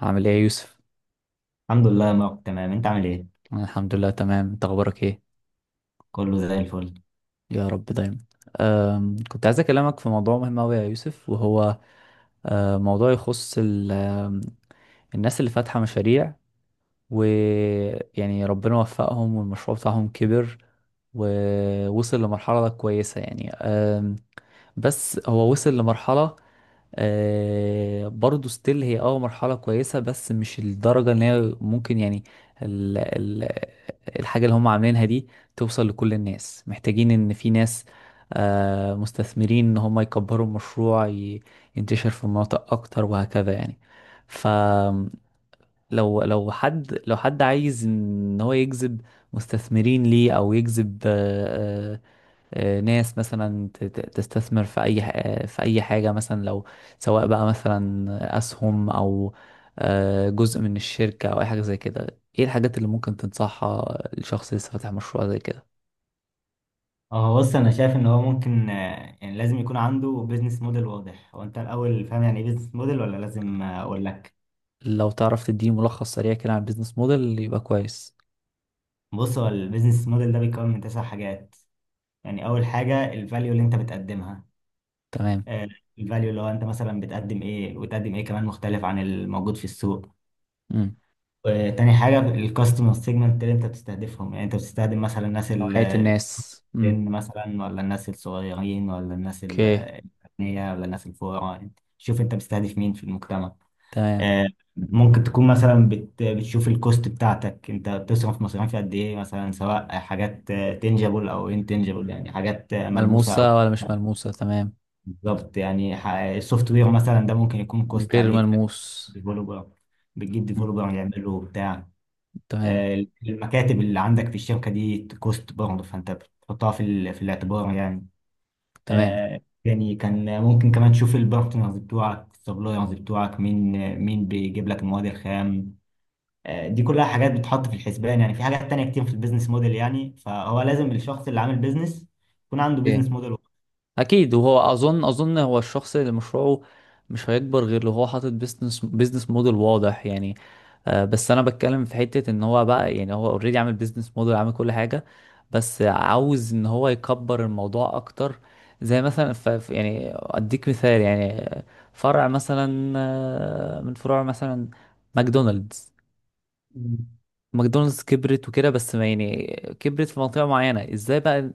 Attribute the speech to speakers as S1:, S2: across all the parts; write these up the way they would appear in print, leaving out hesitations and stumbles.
S1: عامل ايه يا يوسف؟
S2: الحمد لله يا مارك، تمام. انت عامل ايه؟
S1: أنا الحمد لله تمام، انت اخبارك ايه؟
S2: كله زي الفل.
S1: يا رب دايما. كنت عايز اكلمك في موضوع مهم اوي يا يوسف، وهو موضوع يخص الناس اللي فاتحة مشاريع، ويعني ربنا وفقهم والمشروع بتاعهم كبر ووصل لمرحلة كويسة، يعني بس هو وصل لمرحلة برضو ستيل هي مرحلة كويسة، بس مش الدرجة اللي هي ممكن، يعني ال ال الحاجة اللي هم عاملينها دي توصل لكل الناس، محتاجين ان في ناس مستثمرين ان هم يكبروا المشروع، ينتشر في مناطق اكتر وهكذا يعني. فلو لو حد عايز ان هو يجذب مستثمرين ليه او يجذب ناس مثلا تستثمر في اي في اي حاجه، مثلا لو سواء بقى مثلا اسهم، او جزء من الشركه، او اي حاجه زي كده. ايه الحاجات اللي ممكن تنصحها لشخص لسه فاتح مشروع زي كده؟
S2: اه، بص، انا شايف ان هو ممكن، يعني لازم يكون عنده بيزنس موديل واضح. هو انت الاول فاهم يعني ايه بيزنس موديل ولا لازم اقول لك؟
S1: لو تعرف تديه ملخص سريع كده عن البيزنس موديل يبقى كويس.
S2: بص، هو البيزنس موديل ده بيتكون من تسع حاجات. يعني اول حاجه الفاليو اللي انت بتقدمها.
S1: تمام.
S2: الفاليو اللي هو انت مثلا بتقدم ايه، وتقدم ايه كمان مختلف عن الموجود في السوق.
S1: امم.
S2: تاني حاجه الكاستمر سيجمنت اللي انت بتستهدفهم. يعني انت بتستخدم مثلا الناس،
S1: نوعيه الناس. امم.
S2: سن مثلا، ولا الناس الصغيرين ولا الناس
S1: اوكي.
S2: الأغنياء ولا الناس الفقراء. انت شوف انت مستهدف مين في المجتمع.
S1: تمام.
S2: آه، ممكن تكون مثلا بتشوف الكوست بتاعتك. انت بتصرف مصاريف قد ايه مثلا، سواء حاجات تنجبل او انتنجبل، يعني حاجات ملموسه او
S1: ملموسه ولا مش ملموسه؟ تمام.
S2: بالظبط يعني. السوفت وير مثلا ده ممكن يكون كوست
S1: غير
S2: عليك.
S1: ملموس.
S2: ديفلوبر، بتجيب
S1: مم.
S2: ديفلوبر يعمله بتاع.
S1: تمام.
S2: المكاتب اللي عندك في الشركه دي كوست برضه، فانت بتحطها في في الاعتبار يعني.
S1: تمام.
S2: آه، يعني كان ممكن كمان تشوف البارتنرز بتوعك، السبلايرز بتوعك، مين مين بيجيب لك المواد الخام. آه، دي كلها حاجات بتحط في الحسبان. يعني في حاجات تانية كتير في البيزنس موديل يعني، فهو لازم الشخص اللي عامل بيزنس يكون عنده
S1: اوكي.
S2: بيزنس موديل.
S1: اكيد. وهو اظن هو الشخص اللي مشروعه مش هيكبر غير لو هو حاطط بيزنس موديل واضح، يعني بس انا بتكلم في حتة ان هو بقى، يعني هو اوريدي عامل بيزنس موديل، عامل كل حاجة، بس عاوز ان هو يكبر الموضوع اكتر. زي مثلا يعني اديك مثال، يعني فرع مثلا من فروع مثلا ماكدونالدز ماكدونالدز كبرت وكده، بس ما يعني كبرت في منطقة معينة. ازاي بقى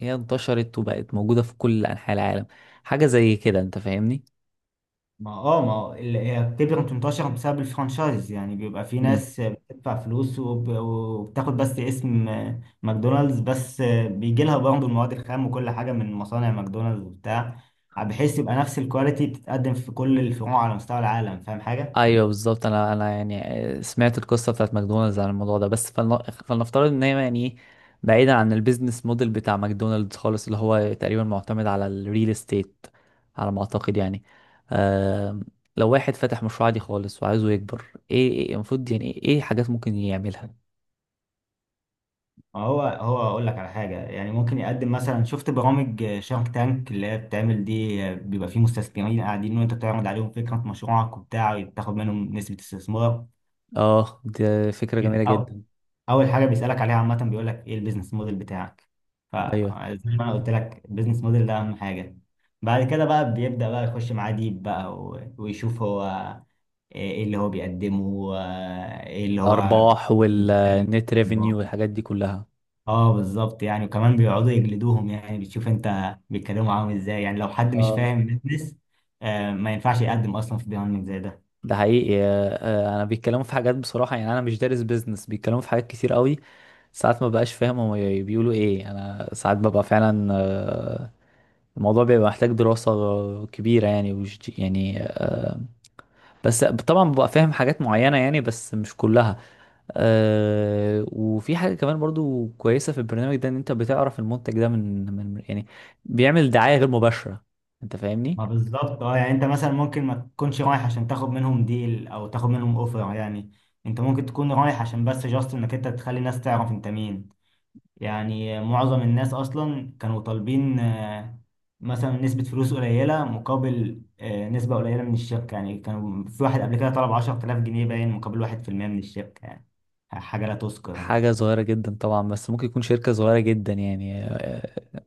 S1: هي انتشرت وبقت موجودة في كل أنحاء العالم؟ حاجة زي كده، انت فاهمني.
S2: ما هو اللي هي بتبقى بتنتشر بسبب الفرانشايز. يعني بيبقى في
S1: مم.
S2: ناس بتدفع فلوس وبتاخد بس اسم ماكدونالدز بس. بيجي لها برضه المواد الخام وكل حاجة من مصانع ماكدونالدز وبتاع، بحيث يبقى نفس الكواليتي بتتقدم في كل الفروع على مستوى العالم. فاهم حاجة؟
S1: ايوه بالظبط، انا يعني سمعت القصة بتاعت ماكدونالدز عن الموضوع ده، بس فلنفترض ان هي، يعني بعيدا عن البيزنس موديل بتاع ماكدونالدز خالص، اللي هو تقريبا معتمد على الريل استيت على ما اعتقد يعني. آم، لو واحد فتح مشروع عادي خالص وعايزه يكبر، ايه المفروض، يعني ايه حاجات ممكن يعملها؟
S2: ما هو اقول لك على حاجة. يعني ممكن يقدم مثلا، شفت برامج شارك تانك اللي هي بتعمل دي؟ بيبقى فيه مستثمرين قاعدين، وانت بتعرض عليهم فكرة مشروعك وبتاع، وبتاخد منهم نسبة استثمار.
S1: اه، دي فكرة جميلة
S2: او
S1: جدا.
S2: اول حاجه بيسالك عليها عامه بيقول لك ايه البيزنس موديل بتاعك.
S1: ايوه،
S2: فزي ما انا قلت لك، البيزنس موديل ده اهم حاجه. بعد كده بقى بيبدا بقى يخش معاه ديب بقى ويشوف هو ايه اللي هو بيقدمه وايه اللي هو.
S1: الارباح والنت ريفينيو والحاجات دي كلها.
S2: اه بالظبط يعني. وكمان بيقعدوا يجلدوهم. يعني بتشوف انت بيتكلموا معاهم ازاي. يعني لو حد مش
S1: اه،
S2: فاهم البيزنس ما ينفعش يقدم اصلا في بيهايند زي ده.
S1: ده حقيقي. انا بيتكلموا في حاجات بصراحة، يعني انا مش دارس بيزنس، بيتكلموا في حاجات كتير قوي ساعات ما بقاش فاهم هم بيقولوا ايه، انا ساعات ببقى فعلا الموضوع بيبقى محتاج دراسة كبيرة، يعني وش يعني بس طبعا ببقى فاهم حاجات معينة، يعني بس مش كلها. وفي حاجة كمان برضو كويسة في البرنامج ده، ان انت بتعرف المنتج ده من يعني بيعمل دعاية غير مباشرة، انت فاهمني.
S2: ما بالظبط. اه يعني انت مثلا ممكن ما تكونش رايح عشان تاخد منهم ديل او تاخد منهم اوفر يعني. انت ممكن تكون رايح عشان بس جاست انك انت تخلي الناس تعرف انت مين. يعني معظم الناس اصلا كانوا طالبين مثلا نسبة فلوس قليلة مقابل نسبة قليلة من الشركة يعني. كانوا في واحد قبل كده طلب 10000 جنيه باين مقابل 1% من الشركة يعني. حاجة لا تذكر يعني.
S1: حاجة صغيرة جدا طبعا، بس ممكن يكون شركة صغيرة جدا يعني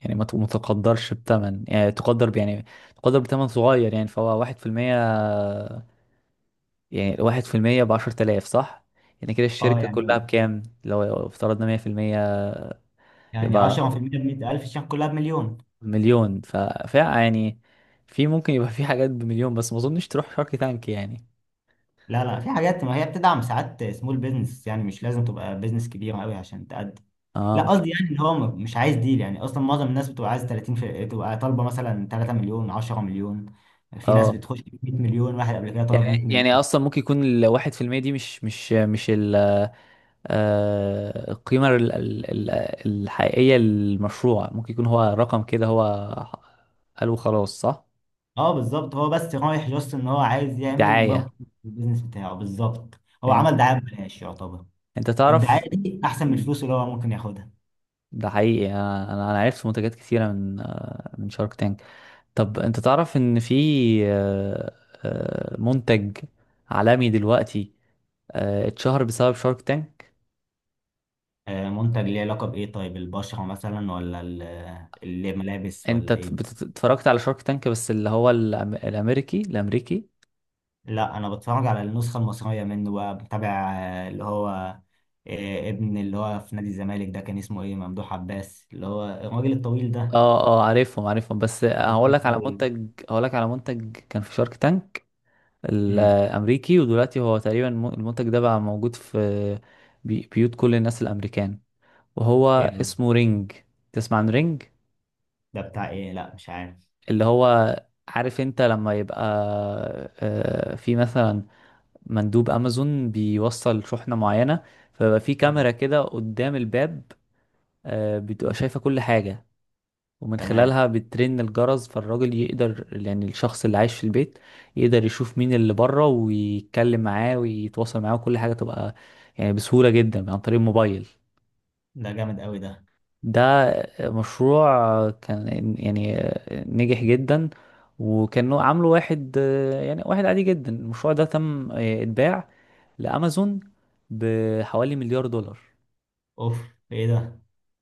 S1: يعني ما ما تقدرش بتمن، يعني تقدر يعني تقدر بتمن صغير، يعني فهو واحد في المية. يعني واحد في المية بعشرة آلاف، صح؟ يعني كده
S2: اه
S1: الشركة كلها
S2: يعني،
S1: بكام؟ لو افترضنا مية في المية،
S2: يعني
S1: يبقى
S2: 10%، ب 100000 الشركة كلها بمليون.
S1: مليون. فيعني في ممكن يبقى في حاجات بمليون، بس ما اظنش تروح شارك تانك يعني.
S2: لا لا، في حاجات ما هي بتدعم ساعات سمول بيزنس يعني. مش لازم تبقى بيزنس كبير قوي عشان تقدم.
S1: اه،
S2: لا
S1: اوكي.
S2: قصدي يعني اللي هو مش عايز ديل يعني. اصلا معظم الناس بتبقى عايز 30 في... تبقى طالبه مثلا 3 مليون، 10 مليون. في ناس
S1: اه،
S2: بتخش ب 100 مليون، واحد قبل كده طلب 100
S1: يعني
S2: مليون.
S1: اصلا ممكن يكون الواحد في المية دي مش ال القيمة الحقيقية للمشروع، ممكن يكون هو رقم كده هو قالوا خلاص، صح.
S2: اه بالظبط، هو بس رايح جاست ان هو عايز يعمل
S1: دعاية.
S2: ماركت البيزنس بتاعه. بالظبط، هو عمل
S1: فهمتك.
S2: دعايه ببلاش يعتبر.
S1: انت تعرف.
S2: الدعايه دي احسن من
S1: مم.
S2: الفلوس اللي هو ممكن ياخدها.
S1: ده حقيقي، انا عرفت منتجات كتيرة من من شارك تانك. طب انت تعرف ان في آه، منتج عالمي دلوقتي اتشهر بسبب شارك تانك.
S2: منتج ليه علاقه بايه؟ طيب البشره مثلا ولا الملابس
S1: انت
S2: ولا ايه؟
S1: اتفرجت على شارك تانك، بس اللي هو الامريكي الامريكي؟
S2: لا، انا بتفرج على النسخه المصريه منه بقى، بتابع اللي هو ابن اللي هو في نادي الزمالك ده. كان اسمه ايه؟ ممدوح عباس، اللي هو الراجل الطويل ده.
S1: اه اه، عارفهم عارفهم، بس هقول
S2: خفيف
S1: لك على
S2: أوي.
S1: منتج هقول لك على منتج كان في شارك تانك
S2: امم.
S1: الامريكي، ودلوقتي هو تقريبا المنتج ده بقى موجود في بيوت كل الناس الامريكان.
S2: ايه
S1: وهو
S2: ده؟
S1: اسمه رينج. تسمع عن رينج؟
S2: ده بتاع ايه؟ لا مش عارف.
S1: اللي هو، عارف انت لما يبقى في مثلا مندوب امازون بيوصل شحنة معينة، فبقى في
S2: اه،
S1: كاميرا كده قدام الباب، بتبقى شايفة كل حاجة. ومن
S2: تمام.
S1: خلالها بترن الجرس فالراجل يقدر، يعني الشخص اللي عايش في البيت يقدر يشوف مين اللي بره ويتكلم معاه ويتواصل معاه، وكل حاجة تبقى يعني بسهولة جدا عن طريق الموبايل.
S2: ده جامد قوي ده.
S1: ده مشروع كان يعني نجح جدا. وكانوا عامله واحد يعني واحد عادي جدا. المشروع ده تم اتباع لأمازون بحوالي مليار دولار.
S2: اوف، ايه ده؟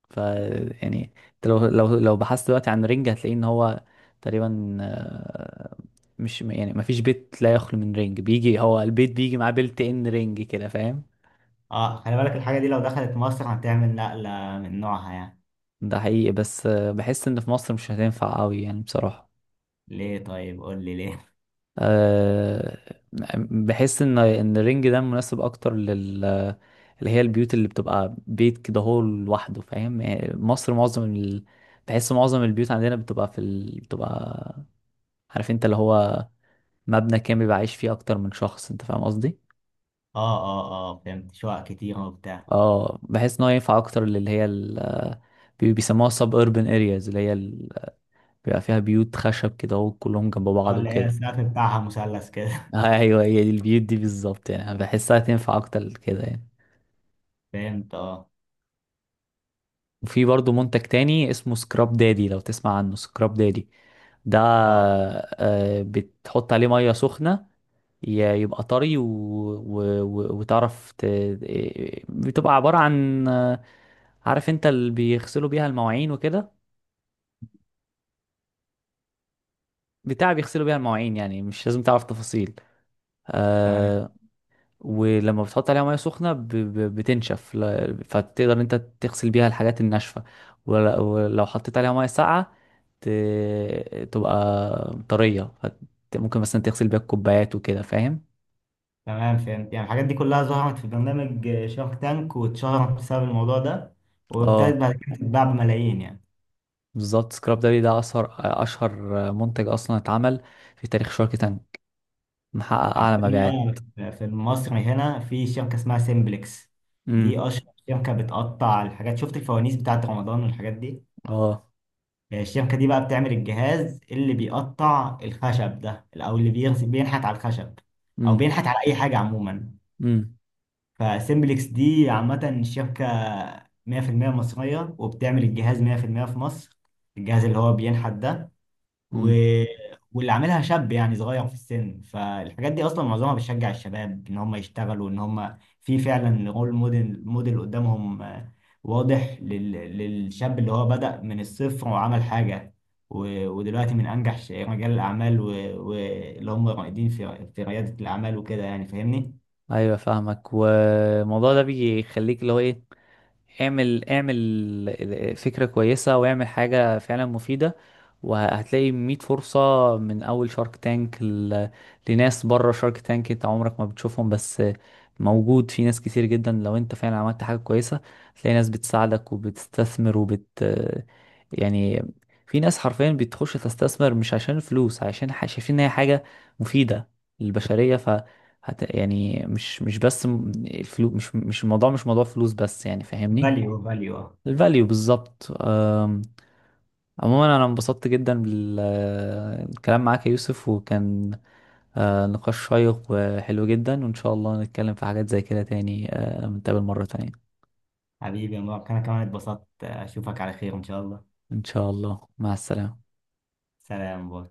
S1: ف يعني انت لو بحثت دلوقتي عن رينج هتلاقي ان هو تقريبا مش يعني ما فيش بيت لا يخلو من رينج. بيجي هو البيت بيجي معاه بيلت ان رينج كده، فاهم.
S2: اه، خلي بالك الحاجه دي لو دخلت مصر هتعمل نقله من نوعها يعني.
S1: ده حقيقي، بس بحس ان في مصر مش هتنفع قوي يعني بصراحة.
S2: ليه طيب؟ قول لي ليه.
S1: آه، بحس ان الرينج ده مناسب اكتر لل اللي هي البيوت اللي بتبقى بيت كده هو لوحده، فاهم يعني. مصر معظم بحس معظم البيوت عندنا بتبقى في بتبقى، عارف انت اللي هو مبنى كامل بيبقى عايش فيه اكتر من شخص، انت فاهم قصدي.
S2: اه اه اه، فهمت، شقق كتير وبتاع.
S1: اه، بحس ان هو ينفع اكتر للي هي بيسموها سب اربن ارياز، اللي هي بيبقى فيها بيوت خشب كده وكلهم جنب
S2: اه،
S1: بعض
S2: اللي هي
S1: وكده.
S2: السقف بتاعها مثلث كده.
S1: ايوه هي دي البيوت دي بالظبط، يعني أنا بحسها تنفع اكتر كده يعني.
S2: فهمت، اه.
S1: وفي برضو منتج تاني اسمه سكراب دادي، لو تسمع عنه. سكراب دادي ده
S2: اه،
S1: بتحط عليه مية سخنة، يبقى طري وتعرف بتبقى عبارة عن عارف انت اللي بيغسلوا بيها المواعين وكده، بتاع بيغسلوا بيها المواعين، يعني مش لازم تعرف تفاصيل.
S2: تمام.
S1: آه، ولما بتحط عليها ميه سخنه بتنشف فتقدر انت تغسل بيها الحاجات الناشفه. ولو حطيت عليها ميه ساقعه تبقى طريه ممكن مثلا تغسل بيها الكوبايات وكده، فاهم.
S2: تمام، فهمت. يعني الحاجات دي كلها ظهرت في برنامج شارك تانك واتشهرت بسبب الموضوع ده، وابتدت
S1: اه
S2: بعد كده تتباع بملايين يعني.
S1: بالظبط، سكراب داري ده اشهر منتج اصلا اتعمل في تاريخ شارك تانك، محقق اعلى
S2: عندنا
S1: مبيعات.
S2: بقى في مصر هنا في شركة اسمها سيمبلكس.
S1: امم.
S2: دي أشهر شركة بتقطع الحاجات. شفت الفوانيس بتاعت رمضان والحاجات دي؟
S1: اه.
S2: الشركة دي بقى بتعمل الجهاز اللي بيقطع الخشب ده، أو اللي بينحت على الخشب، أو
S1: امم.
S2: بينحت على أي حاجة عموما.
S1: امم.
S2: فسيمبلكس دي عامة شبكة 100% مصرية، وبتعمل الجهاز 100% في المية في مصر، الجهاز اللي هو بينحت ده. و...
S1: امم.
S2: واللي عاملها شاب، يعني صغير في السن. فالحاجات دي أصلا معظمها بتشجع الشباب إن هم يشتغلوا، إن هم في فعلا رول موديل قدامهم. واضح لل... للشاب اللي هو بدأ من الصفر وعمل حاجة. و... ودلوقتي من أنجح رجال الأعمال. واللي و... واللي هم رائدين في ريادة الأعمال وكده يعني. فاهمني؟
S1: ايوه فاهمك. والموضوع ده بيخليك اللي هو ايه، اعمل فكرة كويسة، واعمل حاجة فعلا مفيدة، وهتلاقي 100 فرصة. من أول شارك تانك لناس بره شارك تانك انت عمرك ما بتشوفهم، بس موجود في ناس كتير جدا. لو انت فعلا عملت حاجة كويسة هتلاقي ناس بتساعدك وبتستثمر وبت يعني، في ناس حرفيا بتخش تستثمر مش عشان الفلوس، عشان شايفين ان هي حاجة مفيدة للبشرية. ف يعني مش مش بس الفلوس مش مش الموضوع، مش موضوع فلوس بس، يعني فاهمني.
S2: فاليو، فاليو.
S1: الفاليو بالظبط. عموما انا انبسطت جدا بالكلام معاك يا يوسف، وكان نقاش شيق وحلو جدا، وان شاء الله نتكلم في حاجات زي كده تاني، نتقابل مرة تانية.
S2: حبيبي يا مبارك، انا كمان اتبسطت. اشوفك على خير ان شاء الله.
S1: ان شاء الله، مع السلامة.
S2: سلام، باي.